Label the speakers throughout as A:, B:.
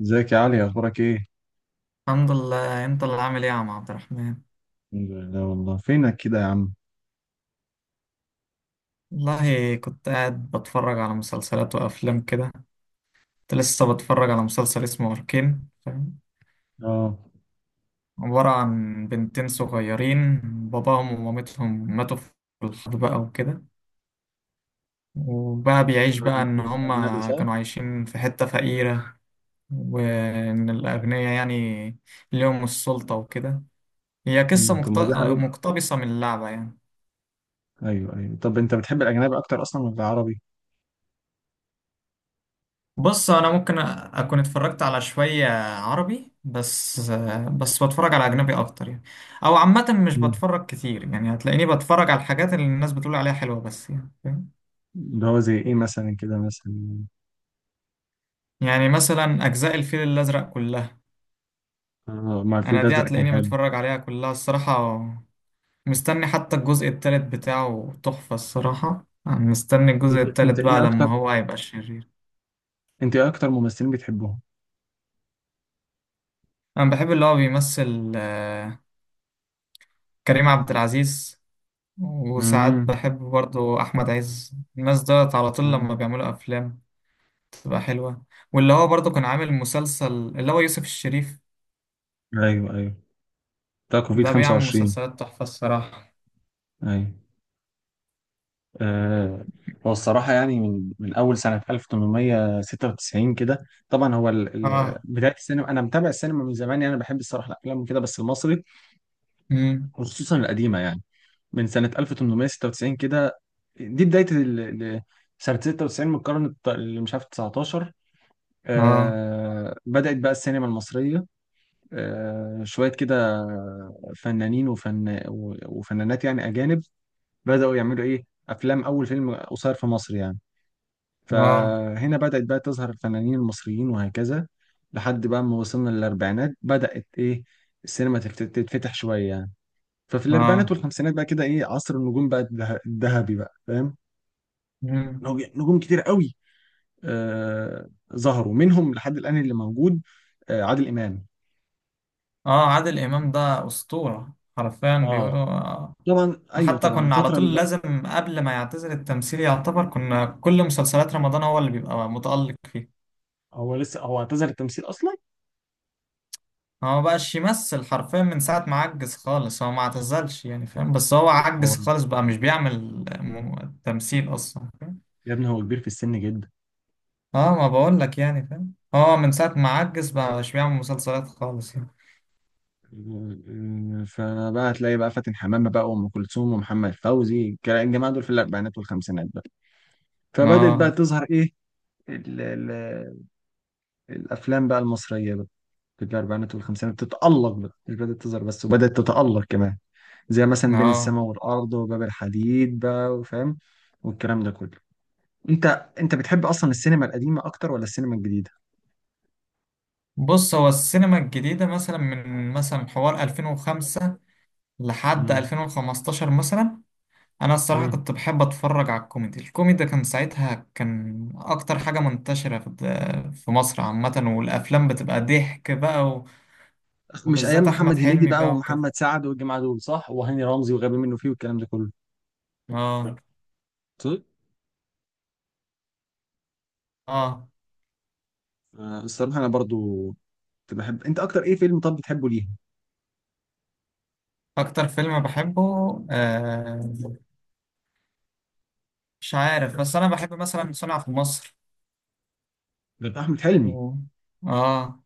A: ازيك يا علي، اخبارك ايه؟
B: الحمد لله. انت اللي عامل ايه يا عم عبد الرحمن؟
A: الحمد لله. والله فينك كده يا عم؟
B: والله كنت قاعد بتفرج على مسلسلات وافلام كده. كنت لسه بتفرج على مسلسل اسمه اركين، فاهم؟
A: اه.
B: عبارة عن بنتين صغيرين، باباهم ومامتهم ماتوا في الحرب بقى وكده. وبقى
A: بتحب
B: بيعيش بقى ان
A: الأجنبي
B: هما
A: صح؟
B: كانوا عايشين في حتة فقيرة، وان الاغنياء يعني ليهم السلطة وكده. هي قصة
A: إيه. طب ما دي حقيقة.
B: مقتبسة من اللعبة يعني.
A: ايوه ايوه. طب انت بتحب الاجنبي اكتر اصلا ولا العربي؟
B: بص، انا ممكن اكون اتفرجت على شوية عربي بس. بس بتفرج على اجنبي اكتر يعني. او عامة مش
A: مم.
B: بتفرج كتير يعني، هتلاقيني بتفرج على الحاجات اللي الناس بتقول عليها حلوة بس، يعني فاهم.
A: اللي هو زي ايه مثلا كده مثلا؟
B: يعني مثلا اجزاء الفيل الازرق كلها،
A: آه، مع الفيل
B: انا دي
A: الازرق كان
B: هتلاقيني
A: حلو.
B: متفرج عليها كلها الصراحة. مستني حتى الجزء التالت بتاعه، تحفة الصراحة. أنا مستني الجزء
A: أنت
B: التالت بقى
A: إيه أكتر؟
B: لما هو هيبقى شرير.
A: انت ايه اكتر ممثلين بتحبهم؟
B: انا بحب اللي هو بيمثل كريم عبد العزيز. وساعات
A: امم
B: بحب برضو أحمد عز. الناس دولت على طول
A: آه،
B: لما بيعملوا أفلام تبقى حلوة. واللي هو برضو كان عامل مسلسل، اللي هو يوسف الشريف.
A: ايوه ايوه. بتاع كوفيد
B: ده بيعمل
A: 25.
B: مسلسلات تحفة الصراحة.
A: ايوه. آه. هو الصراحة يعني من أول سنة 1896 كده، طبعا هو
B: آه.
A: بداية السينما. أنا متابع السينما من زمان يعني، أنا بحب الصراحة الأفلام وكده، بس المصري،
B: مم.
A: خصوصا القديمة يعني، من سنة 1896 كده. دي بداية سنة 96 من القرن اللي مش عارف 19.
B: آه.
A: آه، بدأت بقى السينما المصرية. آه، شوية كده فنانين وفن وفنانات يعني أجانب بدأوا يعملوا إيه أفلام. أول فيلم قصير في مصر يعني،
B: آه.
A: فهنا بدأت بقى تظهر الفنانين المصريين وهكذا. لحد بقى ما وصلنا للأربعينات بدأت إيه السينما تتفتح شوية يعني. ففي الأربعينات
B: آه.
A: والخمسينات بقى كده إيه، عصر النجوم بقى الذهبي بقى، فاهم؟
B: مم.
A: نجوم كتير قوي آه ظهروا منهم لحد الآن اللي موجود، آه عادل إمام.
B: آه، عادل إمام ده أسطورة حرفيا، بيقولوا
A: اه،
B: آه.
A: طبعا ايوه
B: حتى
A: طبعا
B: كنا على
A: الفترة اللي
B: طول
A: بقى.
B: لازم قبل ما يعتزل التمثيل يعتبر، كنا كل مسلسلات رمضان هو اللي بيبقى متألق فيها.
A: هو لسه، هو اعتزل التمثيل أصلا؟
B: هو ما بقاش يمثل حرفيا من ساعة ما عجز خالص. هو ما اعتزلش يعني، فاهم، بس هو
A: هو
B: عجز خالص بقى مش بيعمل تمثيل أصلا، فاهم.
A: يا ابني هو كبير في السن جدا.
B: اه، ما بقول لك يعني، فاهم، هو من ساعة ما عجز بقى مش بيعمل مسلسلات خالص يعني.
A: فبقى هتلاقي بقى فاتن حمامة بقى وأم كلثوم ومحمد فوزي الجماعة دول في الأربعينات والخمسينات بقى. فبدأت بقى
B: اه.
A: تظهر إيه ال الأفلام بقى المصرية بقى في الأربعينات والخمسينات تتألق بقى، مش بدأت تظهر بس وبدأت تتألق كمان، زي مثلا بين
B: اه.
A: السماء والأرض وباب الحديد بقى، وفاهم، والكلام ده كله. أنت أنت بتحب أصلا السينما القديمة أكتر ولا السينما الجديدة؟
B: بص، هو السينما الجديدة مثلا من مثلا حوار 2005 لحد
A: مم.
B: 2015 مثلا، انا الصراحه
A: مم.
B: كنت بحب اتفرج على الكوميدي. الكوميدي كان ساعتها كان اكتر حاجه منتشره في مصر عامه، والافلام بتبقى ضحك بقى
A: مش أيام
B: وبالذات احمد
A: محمد هنيدي
B: حلمي
A: بقى
B: بقى وكده.
A: ومحمد سعد والجماعة دول صح؟ وهاني رمزي وغبي منه فيه والكلام ده كله،
B: اه.
A: صح؟
B: اه.
A: آه، الصراحة أنا برضو كنت بحب. أنت أكتر إيه فيلم طب بتحبه ليه؟
B: اكتر فيلم بحبه آه مش عارف، بس انا بحب مثلا صنع في مصر
A: غير أحمد حلمي.
B: و... اه.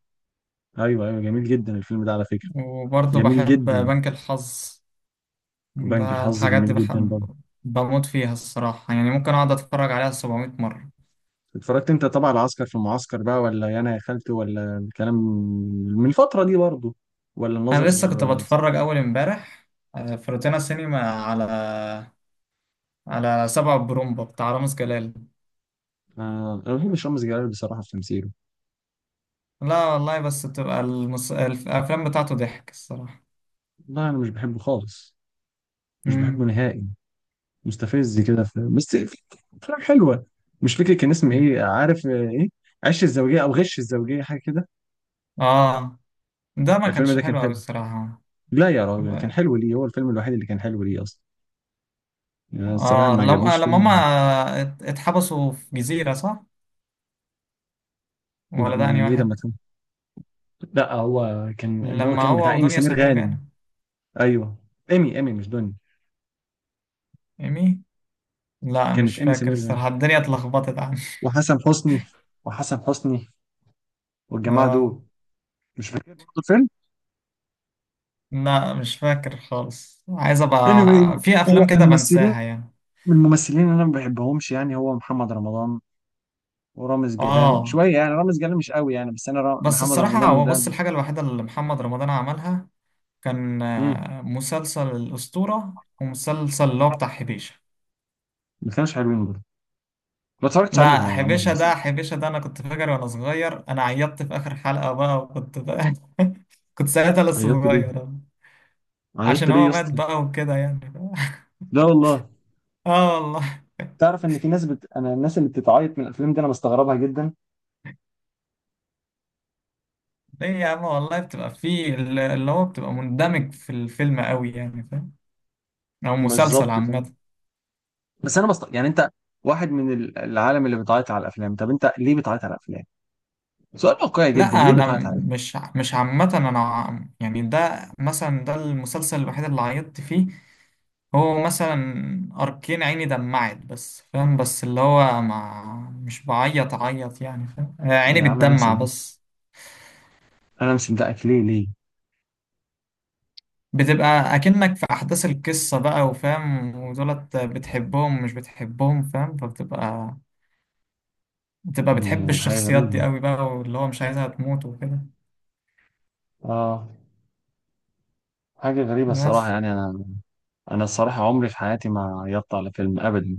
A: أيوه أيوه، جميل جدا الفيلم ده على فكرة.
B: وبرضه
A: جميل
B: بحب
A: جدا.
B: بنك الحظ.
A: وبنك
B: ده
A: الحظ
B: الحاجات دي
A: جميل جدا
B: بحب.
A: برضه.
B: بموت فيها الصراحه، يعني ممكن اقعد اتفرج عليها 700 مره.
A: اتفرجت أنت طبعا على عسكر في المعسكر بقى ولا يانا يا خالتي ولا الكلام، من الفترة دي برضه، ولا
B: انا
A: الناظر؟
B: لسه كنت
A: آه.
B: بتفرج اول امبارح، آه، في روتانا سينما على على سبع برومبا بتاع رامز جلال.
A: آه، أنا ما بحبش رامز جلال بصراحة في تمثيله.
B: لا والله، بس بتبقى الافلام بتاعته ضحك الصراحه.
A: لا أنا مش بحبه خالص، مش بحبه
B: امم.
A: نهائي. مستفز كده في، بس في أفلام حلوة. مش فاكر كان اسمه إيه، عارف آه إيه، عش الزوجية أو غش الزوجية حاجة كده.
B: اه. ده ما
A: الفيلم
B: كانش
A: ده كان
B: حلو قوي
A: حلو.
B: الصراحه.
A: لا يا راجل كان حلو. ليه هو الفيلم الوحيد اللي كان حلو ليه اصلا. يعني أنا الصراحه
B: اه،
A: ما عجبنيش
B: لما
A: فيلم.
B: هما اتحبسوا في جزيره، صح؟
A: لا،
B: ولا
A: ما
B: ده انهي
A: يعني ايه لما
B: واحد؟
A: كان، لا هو كان اللي هو
B: لما
A: كان بتاع
B: هو
A: ايمي
B: ودنيا
A: سمير
B: سمير
A: غانم.
B: كانوا.
A: ايوه، ايمي ايمي مش دنيا.
B: ايمي. لا
A: كانت
B: مش
A: ايمي
B: فاكر
A: سمير غانم
B: الصراحه، الدنيا اتلخبطت عنه
A: وحسن حسني وحسن حسني والجماعه
B: اه.
A: دول. مش فاكر برضه الفيلم.
B: لا مش فاكر خالص، عايز
A: Anyway.
B: ابقى. في
A: هو
B: افلام كده
A: الممثلين،
B: بنساها يعني.
A: من الممثلين اللي انا ما بحبهمش يعني هو محمد رمضان ورامز جلال
B: اه.
A: شويه يعني، رامز جلال مش قوي يعني، بس انا
B: بس
A: محمد
B: الصراحة
A: رمضان
B: هو
A: ده.
B: بص، الحاجة الوحيدة اللي محمد رمضان عملها كان
A: مم.
B: مسلسل الأسطورة ومسلسل اللي هو بتاع حبيشة.
A: ما كانوش حلوين برضه، ما اتفرجتش عليهم
B: لا،
A: يعني عموما.
B: حبيشة ده حبيشة ده انا كنت فاكر وانا صغير، انا عيطت في اخر حلقة بقى وكنت بقى كنت ساعتها لسه
A: عيطت ليه؟
B: صغير.
A: عيطت
B: عشان
A: ليه
B: هو
A: يا
B: مات
A: اسطى؟
B: بقى وكده يعني
A: لا والله.
B: اه والله.
A: تعرف ان في ناس انا الناس اللي بتتعيط من الافلام دي انا بستغربها جدا.
B: ليه يا عم والله، بتبقى فيه اللي هو بتبقى مندمج في الفيلم قوي يعني، او مسلسل
A: بالظبط فاهم.
B: عامة.
A: بس انا يعني انت واحد من العالم اللي بتعيط على الافلام. طب انت ليه بتعيط على الافلام؟ سؤال واقعي جدا،
B: لا،
A: ليه
B: انا
A: بتعيط على الافلام؟
B: مش عامة. انا يعني ده مثلا ده المسلسل الوحيد اللي عيطت فيه. هو مثلا اركين عيني دمعت بس، فاهم، بس اللي هو ما مش بعيط عيط يعني، فاهم، عيني
A: يا عم انا
B: بتدمع
A: مصدق،
B: بس.
A: انا مش مصدقك، ليه ليه؟
B: بتبقى اكنك في احداث القصة بقى، وفاهم، ودولت بتحبهم مش بتحبهم، فاهم، فبتبقى بتحب
A: حاجه
B: الشخصيات دي
A: غريبه.
B: قوي بقى، واللي هو مش عايزها تموت وكده
A: اه، حاجه غريبه الصراحه
B: بس.
A: يعني. انا، انا الصراحه عمري في حياتي ما عيطت على فيلم ابدا.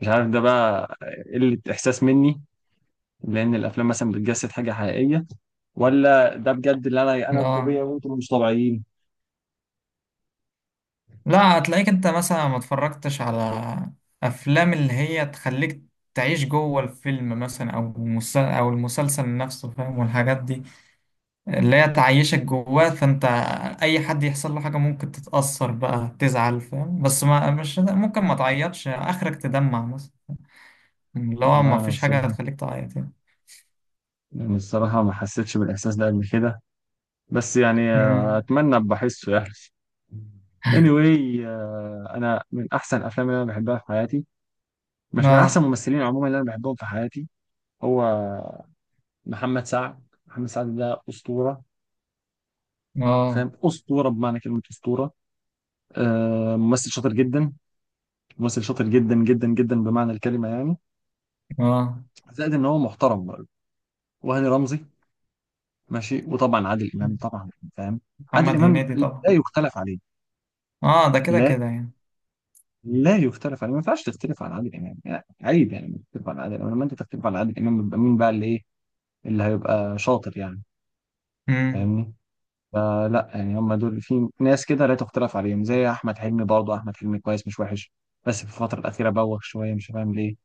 A: مش عارف ده بقى قله احساس مني، لان الافلام مثلا بتجسد حاجه حقيقيه، ولا ده بجد اللي انا، انا الطبيعي
B: اه.
A: وانتم مش طبيعيين؟
B: لا، هتلاقيك انت مثلا ما اتفرجتش على افلام اللي هي تخليك تعيش جوه الفيلم مثلا، او المسلسل نفسه، فاهم، والحاجات دي اللي هي تعيشك جواه. فانت اي حد يحصل له حاجه ممكن تتاثر بقى، تزعل، فاهم، بس ما مش ممكن ما تعيطش، اخرك تدمع مثلا. اللي هو ما
A: والله انا
B: فيش حاجه
A: الصراحه،
B: هتخليك تعيط يعني.
A: يعني الصراحه ما حسيتش بالاحساس ده قبل كده، بس يعني آه،
B: امم.
A: اتمنى بحسه يعني. Anyway. آه، انا من احسن الافلام اللي انا بحبها في حياتي، مش من احسن
B: اه.
A: الممثلين عموما اللي انا بحبهم في حياتي، هو محمد سعد. محمد سعد ده اسطوره، فاهم؟
B: اه.
A: اسطوره بمعنى كلمه اسطوره. آه، ممثل شاطر جدا، ممثل شاطر جدا جدا جدا بمعنى الكلمه يعني.
B: اه.
A: زائد ان هو محترم برضه. وهاني رمزي ماشي. وطبعا عادل امام طبعا، فاهم؟ عادل
B: محمد
A: امام
B: هنيدي طبعا.
A: لا يختلف عليه.
B: اه، ده كده
A: لا،
B: كده
A: لا يختلف عليه، ما ينفعش تختلف على عادل امام يعني، عيب يعني إنك تختلف على عادل امام. لما انت تختلف على عادل امام يبقى مين بقى اللي ايه، اللي هيبقى شاطر يعني،
B: يعني.
A: فاهمني؟ فلا يعني هم دول، في ناس كده لا تختلف عليهم، زي احمد حلمي برضه، احمد حلمي كويس مش وحش، بس في الفتره الاخيره بوخ شويه مش فاهم ليه.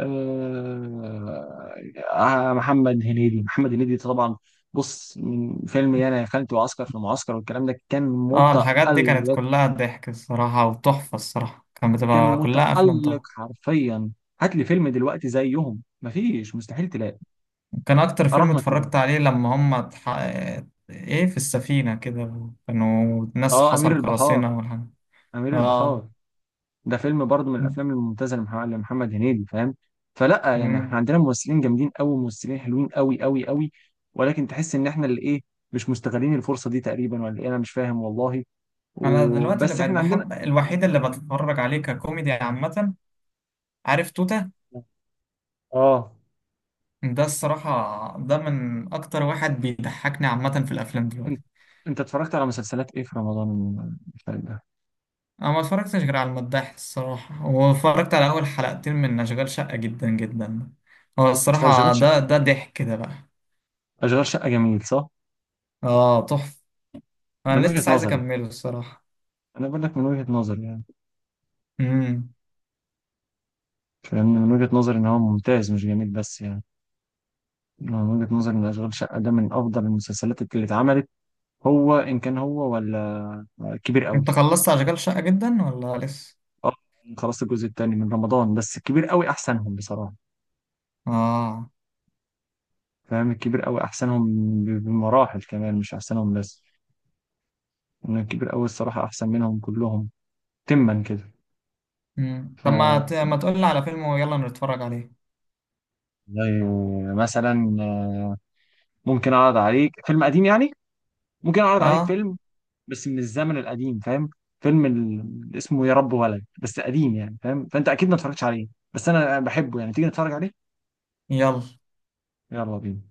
A: آه، آه، محمد هنيدي، محمد هنيدي طبعا، بص من فيلم يانا يا خالتي وعسكر في المعسكر والكلام ده كان
B: اه، الحاجات دي كانت
A: متألق،
B: كلها ضحك الصراحة، وتحفة الصراحة كانت
A: كان
B: بتبقى كلها أفلام
A: متألق
B: طبعا.
A: حرفيا. هات لي فيلم دلوقتي زيهم، مفيش، مستحيل تلاقي،
B: كان أكتر فيلم
A: اراهنك تلاقي.
B: اتفرجت عليه لما هم إيه، في السفينة كده، كانوا ناس
A: اه، امير
B: حصل
A: البحار،
B: قراصنة والحاجة.
A: امير
B: اه.
A: البحار ده فيلم برضه من الافلام الممتازه لمحمد هنيدي، فاهم؟ فلا يعني
B: مم.
A: احنا عندنا ممثلين جامدين قوي، ممثلين حلوين قوي قوي قوي، ولكن تحس ان احنا اللي ايه مش مستغلين الفرصه دي تقريبا، ولا ايه؟ انا مش فاهم والله.
B: أنا دلوقتي اللي
A: وبس
B: بقيت
A: احنا عندنا.
B: بحب الوحيد اللي بتفرج عليه ككوميدي عامة، عارف توتة؟
A: اه.
B: ده الصراحة ده من أكتر واحد بيضحكني عامة في الأفلام دلوقتي.
A: انت انت اتفرجت على مسلسلات ايه في رمضان اللي فات ده؟
B: انا ما اتفرجتش غير على المداح الصراحه، واتفرجت على اول حلقتين من اشغال شقه جدا جدا. هو
A: مش اشغال
B: الصراحه
A: شقه،
B: ده ضحك ده بقى.
A: اشغال شقه جميل صح؟
B: اه، تحفه،
A: من
B: انا
A: وجهة
B: لسه عايز
A: نظري،
B: اكمله الصراحه.
A: انا بقول لك من وجهة نظري يعني،
B: امم.
A: فاهم، من وجهة نظري ان هو ممتاز مش جميل بس يعني. أنا من وجهة نظري ان اشغال شقه ده من افضل المسلسلات اللي اتعملت، هو ان كان هو ولا كبير قوي.
B: انت خلصت اشغال شقه جدا ولا لسه؟
A: اه، خلاص الجزء الثاني من رمضان، بس كبير قوي احسنهم بصراحه.
B: اه.
A: فاهم؟ الكبير قوي احسنهم، بمراحل كمان، مش احسنهم بس، ان الكبير قوي الصراحه احسن منهم كلهم. تما كده.
B: امم،
A: ف-
B: طب ما تقول لي على فيلم ويلا نتفرج عليه؟
A: زي مثلا، ممكن اعرض عليك فيلم قديم يعني، ممكن اعرض عليك
B: اه،
A: فيلم بس من الزمن القديم، فاهم؟ فيلم اسمه يا رب ولد، بس قديم يعني فاهم، فانت اكيد ما اتفرجتش عليه، بس انا بحبه يعني، تيجي نتفرج عليه؟
B: يلا.
A: يلا بينا.